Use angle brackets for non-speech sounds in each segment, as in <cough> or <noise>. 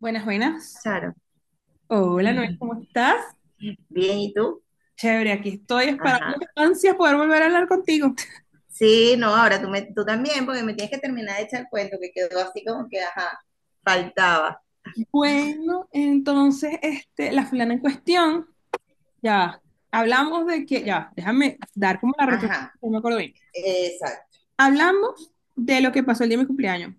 Buenas, buenas. Charo. Hola, Noel, ¿cómo estás? Bien, ¿y tú? Chévere, aquí estoy esperando Ajá. con ansias poder volver a hablar contigo. Sí, no, ahora tú, tú también, porque me tienes que terminar de echar el cuento, que quedó así como que, ajá, faltaba. Bueno, entonces, la fulana en cuestión, ya, hablamos de que, ya, déjame dar como la retro, Ajá, no me acuerdo bien. exacto, Hablamos de lo que pasó el día de mi cumpleaños.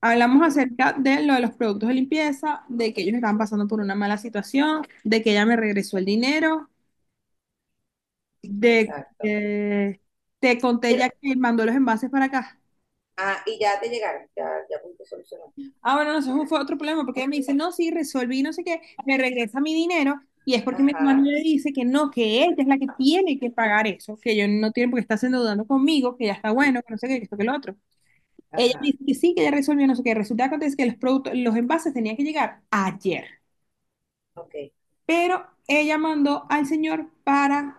Hablamos es- acerca de lo de los productos de limpieza, de que ellos estaban pasando por una mala situación, de que ella me regresó el dinero, de exacto. que te conté Pero, ya que mandó los envases para acá. ah, ¿y ya te llegaron? Ya, ¿ya pudiste solucionar? Ah, bueno, no, eso fue otro problema, porque ella me dice, no, sí, resolví, no sé qué, me regresa mi dinero, y es porque mi hermano Ajá, le dice que no, que ella es la que tiene que pagar eso, que yo no tiene porque está endeudando conmigo, que ya está bueno, que no sé qué, que esto, que lo otro. Ella me ajá, dice que sí, que ya resolvió, no sé qué. Resulta que acontece que los productos, los envases tenían que llegar ayer, ok. pero ella mandó al señor para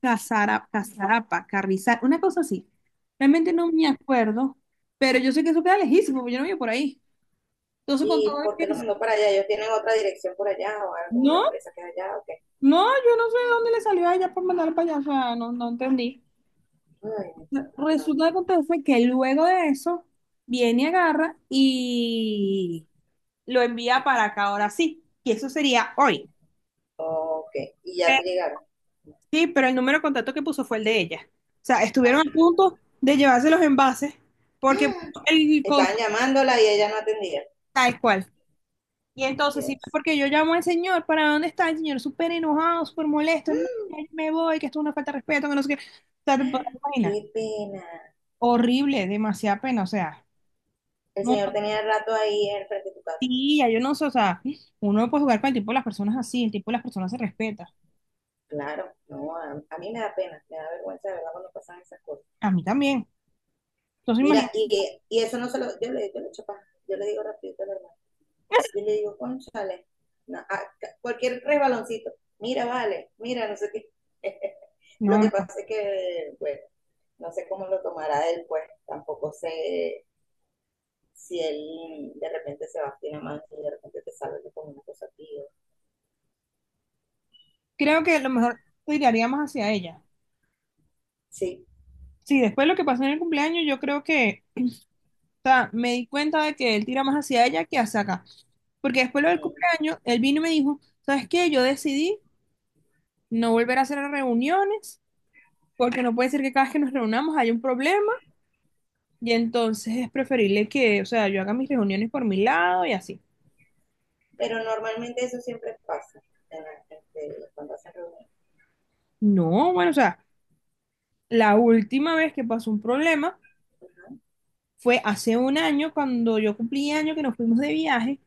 Casara, Casarapa, Carrizal, una cosa así. Realmente no me acuerdo, pero yo sé que eso queda lejísimo, porque yo no vivo por ahí. Entonces, con ¿Y todo por qué lo eso, mandó para allá? ¿Ellos tienen otra dirección por allá o algo, la no, empresa que es allá o qué? No, yo no sé de dónde le salió a ella por mandar para allá, o sea, no, no entendí. Ay, Resulta que acontece que luego de eso viene y agarra y lo envía para acá, ahora sí, y eso sería hoy. ok, ¿y ya Eh, te llegaron? Sí, pero el número de contacto que puso fue el de ella. O sea, estuvieron a Ajá. punto de llevarse los envases porque <gasps> el Estaban contacto llamándola y ella no atendía. es cual. Y entonces, sí, Dios, porque yo llamo al señor para dónde está el señor, súper enojado, súper molesto, no, mm, ya yo me voy, que esto es una falta de respeto, que no sé qué. O sea, te podrás imaginar. qué pena. Horrible, demasiada pena, o sea, El no, señor tenía rato ahí en el frente de tu casa. tía, yo no sé, o sea, uno no puede jugar con el tipo de las personas así, el tipo de las personas se respeta, Claro, no, a mí me da pena, me da vergüenza de verdad cuando pasan esas cosas. a mí también, entonces Mira, imagínate, y eso no se lo, yo le echo paja, yo le digo rapidito a la hermana, yo le <laughs> digo, conchale, no, cualquier resbaloncito, mira, vale, mira, no sé qué. <laughs> Lo no, que pasa no, es que, bueno, no sé cómo lo tomará él, pues tampoco sé si él de repente se va a finar más y de repente te sale con una cosa, tío. creo que a lo mejor tiraría más hacia ella, Sí, sí, después de lo que pasó en el cumpleaños, yo creo que, o sea, me di cuenta de que él tira más hacia ella que hacia acá, porque después de lo del mm, cumpleaños, él vino y me dijo, ¿sabes qué? Yo decidí no volver a hacer reuniones, porque no puede ser que cada vez que nos reunamos haya un problema, y entonces es preferible que, o sea, yo haga mis reuniones por mi lado y así. pero normalmente eso siempre pasa este, cuando hacen reuniones. No, bueno, o sea, la última vez que pasó un problema fue hace un año cuando yo cumplí año que nos fuimos de viaje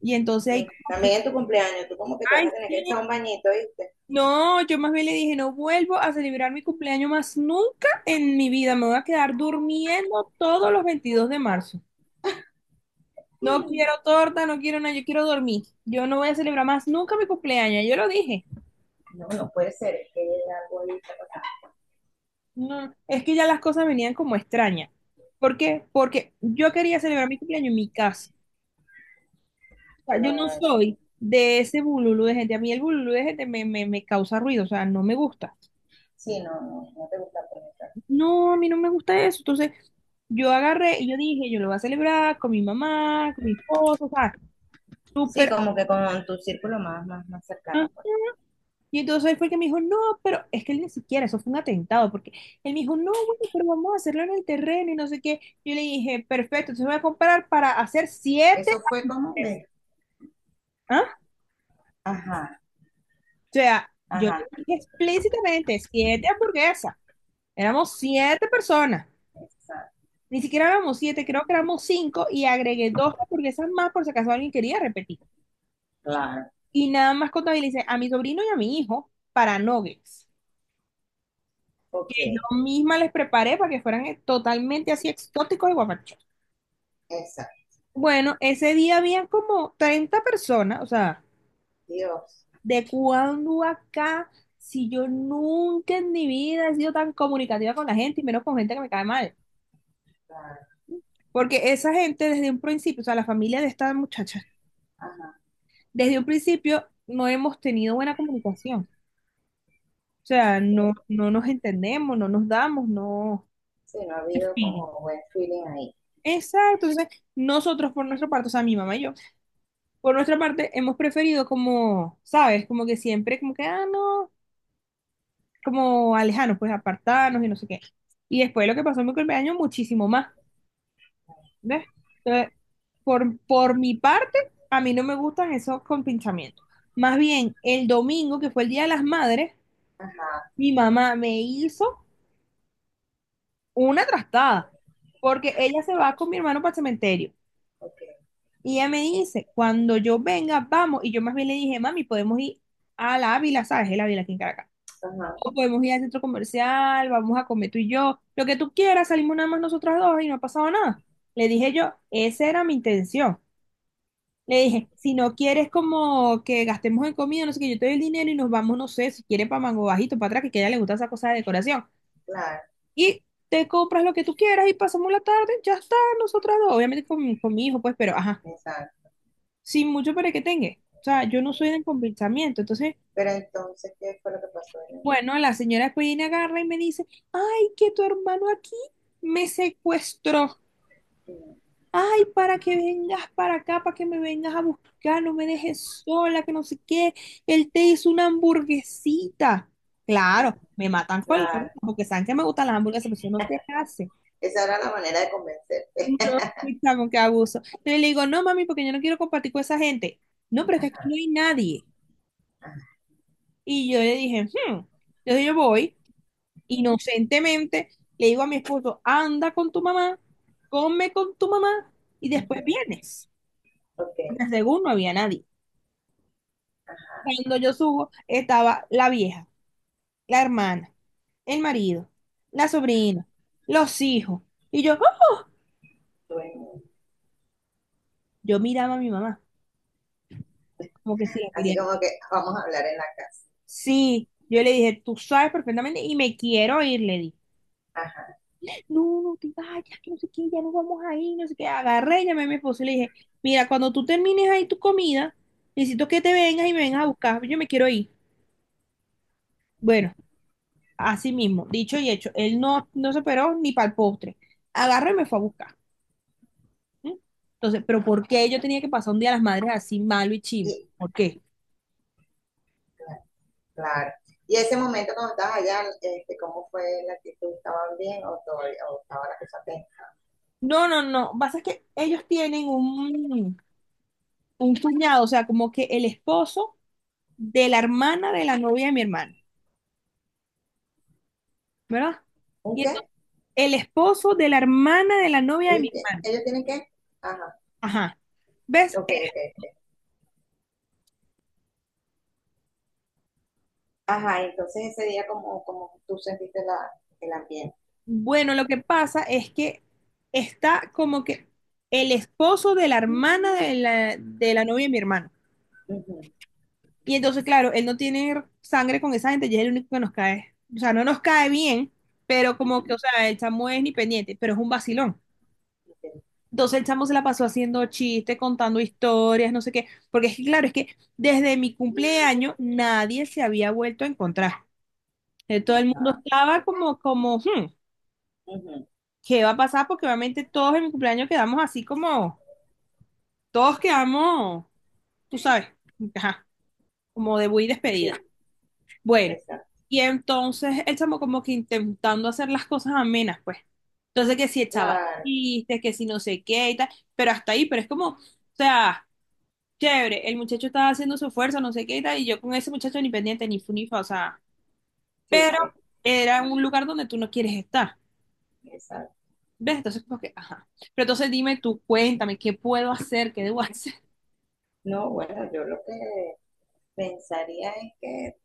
y entonces Mm. ahí como que, También en tu cumpleaños, tú como que te vas ay, a tener que sí, echar un bañito, ¿viste? no, yo más bien le dije, no vuelvo a celebrar mi cumpleaños más nunca en mi vida, me voy a quedar durmiendo todos los 22 de marzo. No quiero torta, no quiero nada, yo quiero dormir. Yo no voy a celebrar más nunca mi cumpleaños, yo lo dije. No, no puede ser, es que algo ahí está pasando. No, es que ya las cosas venían como extrañas. ¿Por qué? Porque yo quería celebrar mi cumpleaños en mi casa. O sea, yo no Claro. soy de ese bululú de gente. A mí el bululú de gente me causa ruido, o sea, no me gusta. Sí, no te gusta conectar. No, a mí no me gusta eso. Entonces, yo agarré y yo dije, yo lo voy a celebrar con mi mamá, con mi esposo, o sea, Sí, súper. como que con tu círculo más cercano, Ah. pues. Y entonces él fue el que me dijo, no, pero es que él ni siquiera, eso fue un atentado, porque él me dijo, no, bueno, pero vamos a hacerlo en el terreno y no sé qué. Yo le dije, perfecto, entonces voy a comprar para hacer siete. Eso fue como me. ¿Ah? Ajá, O sea, yo le ajá, dije explícitamente siete hamburguesas. Éramos siete personas. exacto. Ni siquiera éramos siete, creo que éramos cinco y agregué dos hamburguesas más por si acaso alguien quería repetir. Claro. Y nada más contabilicé a mi sobrino y a mi hijo para nuggets. Ok, Yo misma les preparé para que fueran totalmente así exóticos y guapachos. exacto. Bueno, ese día habían como 30 personas, o sea, Dios, de cuando acá, si yo nunca en mi vida he sido tan comunicativa con la gente y menos con gente que me cae mal. claro, Porque esa gente desde un principio, o sea, la familia de esta muchacha, ajá, desde un principio no hemos tenido buena comunicación. O sea, no, sí, no nos entendemos, no nos damos, no. sí, no ha En habido fin. como buen feeling ahí. Exacto. Entonces, nosotros por nuestra parte, o sea, mi mamá y yo, por nuestra parte hemos preferido como, ¿sabes? Como que siempre, como que, ah, no, como alejarnos, pues apartarnos y no sé qué. Y después lo que pasó en mi cumpleaños, muchísimo más. ¿Ves? Entonces, por mi parte, a mí no me gustan esos compinchamientos. Más bien, el domingo, que fue el Día de las Madres, Ajá, mi mamá me hizo una trastada, porque ella se va con mi hermano para el cementerio. ok, Y ella me dice, cuando yo venga, vamos. Y yo más bien le dije, mami, podemos ir a la Ávila, ¿sabes? El Ávila aquí en Caracas. ajá, O podemos ir al centro comercial, vamos a comer tú y yo, lo que tú quieras, salimos nada más nosotras dos y no ha pasado nada. Le dije yo, esa era mi intención. Le dije, si no quieres como que gastemos en comida, no sé qué, yo te doy el dinero y nos vamos, no sé, si quieres para Mango Bajito, para atrás, que a ella le gusta esa cosa de decoración. claro. Y te compras lo que tú quieras y pasamos la tarde, ya está, nosotras dos, obviamente con mi hijo, pues, pero ajá, Exacto. sin mucho para que tenga. O sea, yo no soy de convencimiento. Entonces, Pero entonces, ¿qué fue lo que pasó en el... bueno, la señora después viene, agarra y me dice, ay, que tu hermano aquí me secuestró. Ay, para que vengas para acá, para que me vengas a buscar, no me dejes sola, que no sé qué. Él te hizo una hamburguesita. Mm-hmm. Claro, me matan con la Claro. boca, porque saben que me gustan las hamburguesas, pero eso no se hace. Esa era la manera de convencer. No, pizza con qué abuso. Entonces le digo, no, mami, porque yo no quiero compartir con esa gente. No, pero es que aquí no hay nadie. Y yo le dije, hmm. Entonces yo voy, inocentemente, le digo a mi esposo, anda con tu mamá, come con tu mamá y después Ujú. vienes. Ok, Porque según no había nadie. Cuando yo subo, estaba la vieja, la hermana, el marido, la sobrina, los hijos. Y yo, ¡ah! bueno. Yo miraba a mi mamá, como que sí, la Así quería. como que vamos a hablar en la casa. Sí, yo le dije, tú sabes perfectamente y me quiero ir, le dije. Ajá. No, no te vayas, que no sé qué, ya no vamos ahí, no sé qué. Agarré, llamé a mi esposo y le dije, mira, cuando tú termines ahí tu comida, necesito que te vengas y me vengas a buscar, yo me quiero ir. Bueno, así mismo, dicho y hecho, él no, no se operó ni para el postre. Agarré y me fue a buscar. ¿Eh? Entonces, ¿pero por qué yo tenía que pasar un día de las madres así malo y chimbo? Y ¿Por qué? cla- claro. Y ese momento cuando estabas allá, este, ¿cómo fue la actitud? ¿Estaban bien o todavía, o estaba la cosa tensa? No, no, no. Pasa es que ellos tienen un cuñado, o sea, como que el esposo de la hermana de la novia de mi hermano, ¿verdad? ¿Un Y qué? entonces, el esposo de la hermana de la novia de ¿Ellos, mi hermano. ellos tienen qué? Ajá. Ajá. ¿Ves? Ok. Ajá, entonces ese día ¿cómo cómo tú sentiste la, el ambiente? Bueno, lo que pasa es que está como que el esposo de la hermana de la novia de mi hermano. Ujú, Y entonces, claro, él no tiene sangre con esa gente y es el único que nos cae. O sea, no nos cae bien, pero como que, ujú, o sea, el chamo es ni pendiente, pero es un vacilón. ok. Entonces el chamo se la pasó haciendo chistes, contando historias, no sé qué. Porque es que, claro, es que desde mi cumpleaños nadie se había vuelto a encontrar. Todo el mundo Ajá. estaba como, "Hmm, Ujú. ¿qué va a pasar?" Porque obviamente todos en mi cumpleaños quedamos así como, todos quedamos, tú sabes, ajá, como de muy despedida. Sí, Bueno, exacto, y entonces el chamo como que intentando hacer las cosas amenas, pues. Entonces que si echaba claro, chistes, que si no sé qué y tal, pero hasta ahí, pero es como, o sea, chévere, el muchacho estaba haciendo su esfuerzo, no sé qué y tal, y yo con ese muchacho ni pendiente, ni funifa, o sea, sí, pero sí, era un lugar donde tú no quieres estar, exacto. ¿ves? Entonces como que, ajá. Pero entonces dime tú, cuéntame, ¿qué puedo hacer? ¿Qué debo <laughs> hacer? No, bueno, yo lo que pensaría es que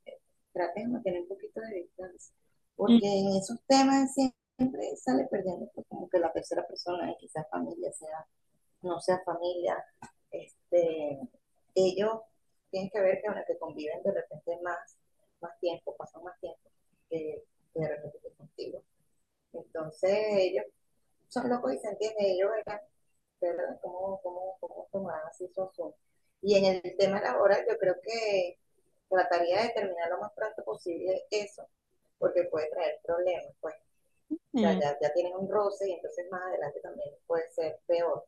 trates de mantener un poquito de distancia, porque en esos temas siempre sale perdiendo, pues, como que la tercera persona, y quizás familia, sea, no sea familia, este, ellos tienen que ver que, bueno, que conviven de repente más, más tiempo, pasan más tiempo que, que de repente que contigo. Entonces ellos son locos y se entienden, ellos ¿verdad? ¿Cómo tomarán así su asunto? Y en el tema laboral, yo creo que trataría de terminar lo más pronto posible eso, porque puede traer problemas, pues. O sea, Ujú. Ya tienen un roce y entonces más adelante también puede ser peor.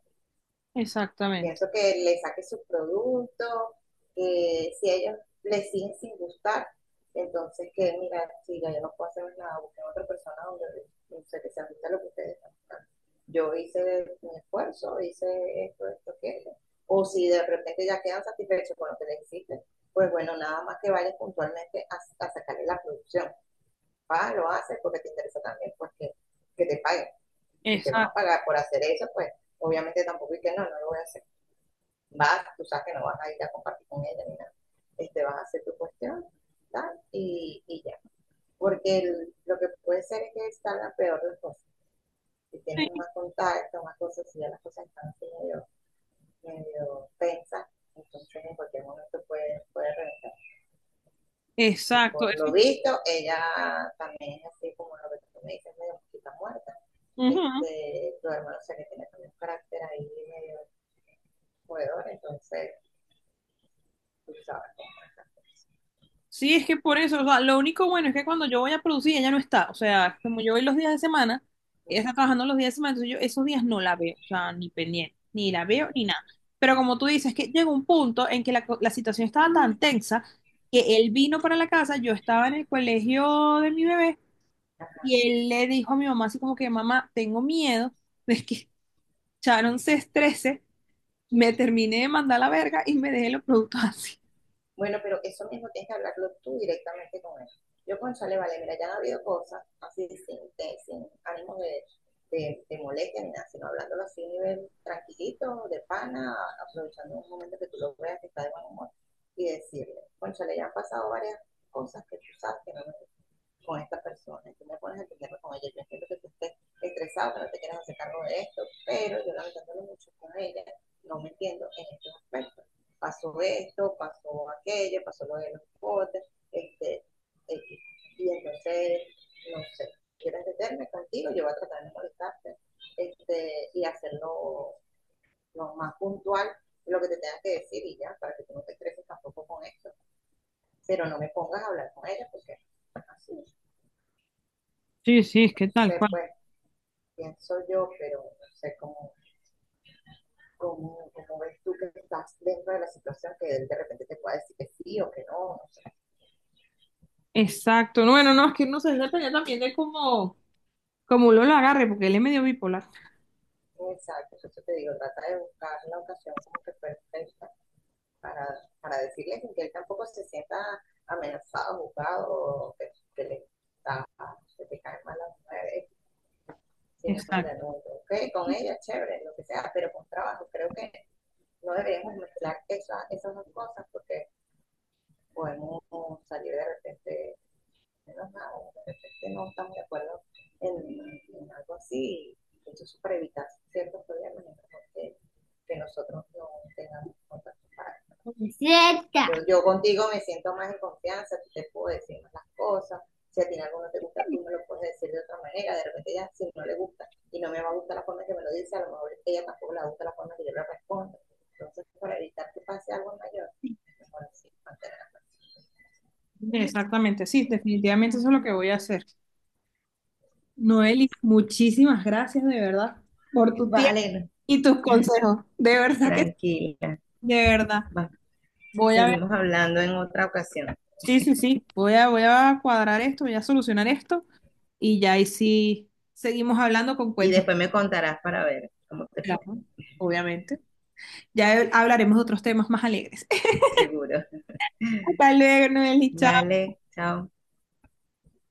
Exactamente. Pienso que le saque sus productos, que si a ellos les siguen sin gustar, entonces que mira, si ya yo no puedo hacer nada, busquen otra persona donde se les ajuste lo que ustedes están buscando. Yo hice mi esfuerzo, hice esto, esto, aquello. O si de repente ya quedan satisfechos con lo que les hiciste, pues bueno, nada más que vayan puntualmente a sacarle la producción. Ah, lo haces porque te interesa también, pues, que te paguen. Si te van a Exacto. pagar por hacer eso, pues obviamente tampoco es que no, no lo voy a hacer. Vas, tú sabes que no vas a ir a compartir con ella ni nada. Este, vas a hacer tu cuestión ¿tal? Y ya. Porque lo que puede ser es que salgan peor las cosas. Si tienen más contacto, más cosas, si ya las cosas están así medio, medio tensas, entonces en cualquier momento puede reventar. Y Exacto, por lo eso. visto, ella también es así como lo que tú me dices, medio mosquita muerta. Ujú. Este, tu hermano se le tiene también un carácter ahí medio jugador, entonces tú sabes cómo es la Sí, es que por eso, o sea, lo único bueno es que cuando yo voy a producir, ella no está. O sea, como yo voy los días de semana, ella está trabajando los días de semana, entonces yo esos días no la veo, o sea, ni pendiente, ni la veo, ni cosa. nada. Pero como tú dices, que llegó un punto en que la situación estaba tan tensa que él vino para la casa, yo estaba en el colegio de mi bebé y él le dijo a mi mamá así como que, mamá, tengo miedo de que Sharon se estrese, me terminé de mandar la verga y me deje los productos así. Bueno, pero eso mismo tienes que hablarlo tú directamente con él. Yo, cónchale, vale, mira, ya han habido cosas así sin, sin ánimo de, de molestia ni nada, sino hablándolo así a nivel tranquilito, de pana, aprovechando un momento que tú lo veas que está de buen humor y decirle, cónchale, ya han pasado varias cosas que tú sabes que no me con esta persona y tú me pones a problema con ella. Yo entiendo que tú estés estresado, que no te quieras hacer cargo de esto, pero yo lamentándolo mucho con ella, no me entiendo en estos aspectos. Pasó esto, pasó aquello, pasó lo de los botes, este, este, y entonces, no sé, quieres meterme contigo, yo voy a tratar de molestarte, este, y hacerlo lo más puntual lo que te tengas que decir y ya, para que tú no te estreses tampoco con esto, pero no me pongas a hablar con ella porque así, no Sí, sí, es que tal. sé, pues, pienso yo, pero no sé cómo, cómo ves tú que estás dentro de la situación que él de repente te pueda decir que sí o que no, no sé. Exacto. No, bueno, no, es que no sé, depende también de cómo uno lo agarre, porque él es medio bipolar. Exacto, eso te digo, trata de buscar la ocasión como que perfecta para, para decirle que él tampoco se sienta amenazado, juzgado, o que le está, que te caen mal las mujeres, sino mira, Exacto. no, no, ok, con ella, chévere, lo que sea, pero con trabajo, creo que no deberíamos mezclar esa, esas dos cosas porque podemos salir de repente menos nada, de repente no estamos de acuerdo en, en algo así, entonces eso para evitar ciertos problemas, que, que nosotros no tengamos contacto. Cerca. Yo contigo me siento más en confianza, tú te puedo decir más las cosas, si a ti algo no te gusta, tú me lo puedes decir de otra manera, de repente ella si no le gusta y no me va a gustar la forma que me lo dice, a lo mejor ella tampoco le gusta la forma que yo le respondo. Entonces, para evitar que pase algo mayor, mejor así, mantener la paz. Exactamente, sí, definitivamente eso es lo que voy a hacer. Sí, Noeli, sí. muchísimas gracias de verdad por tu tiempo Vale, y tus consejos. De verdad que sí, tranquila. de verdad. Va, Voy a ver. seguimos hablando en otra ocasión Sí, sí, sí. Voy a cuadrar esto, voy a solucionar esto y ya ahí sí seguimos hablando con y cuentos, después me contarás para ver cómo te fue, claro, obviamente. Ya hablaremos de otros temas más alegres. seguro. <laughs> Hasta luego, Noeli, chao. Vale, chao.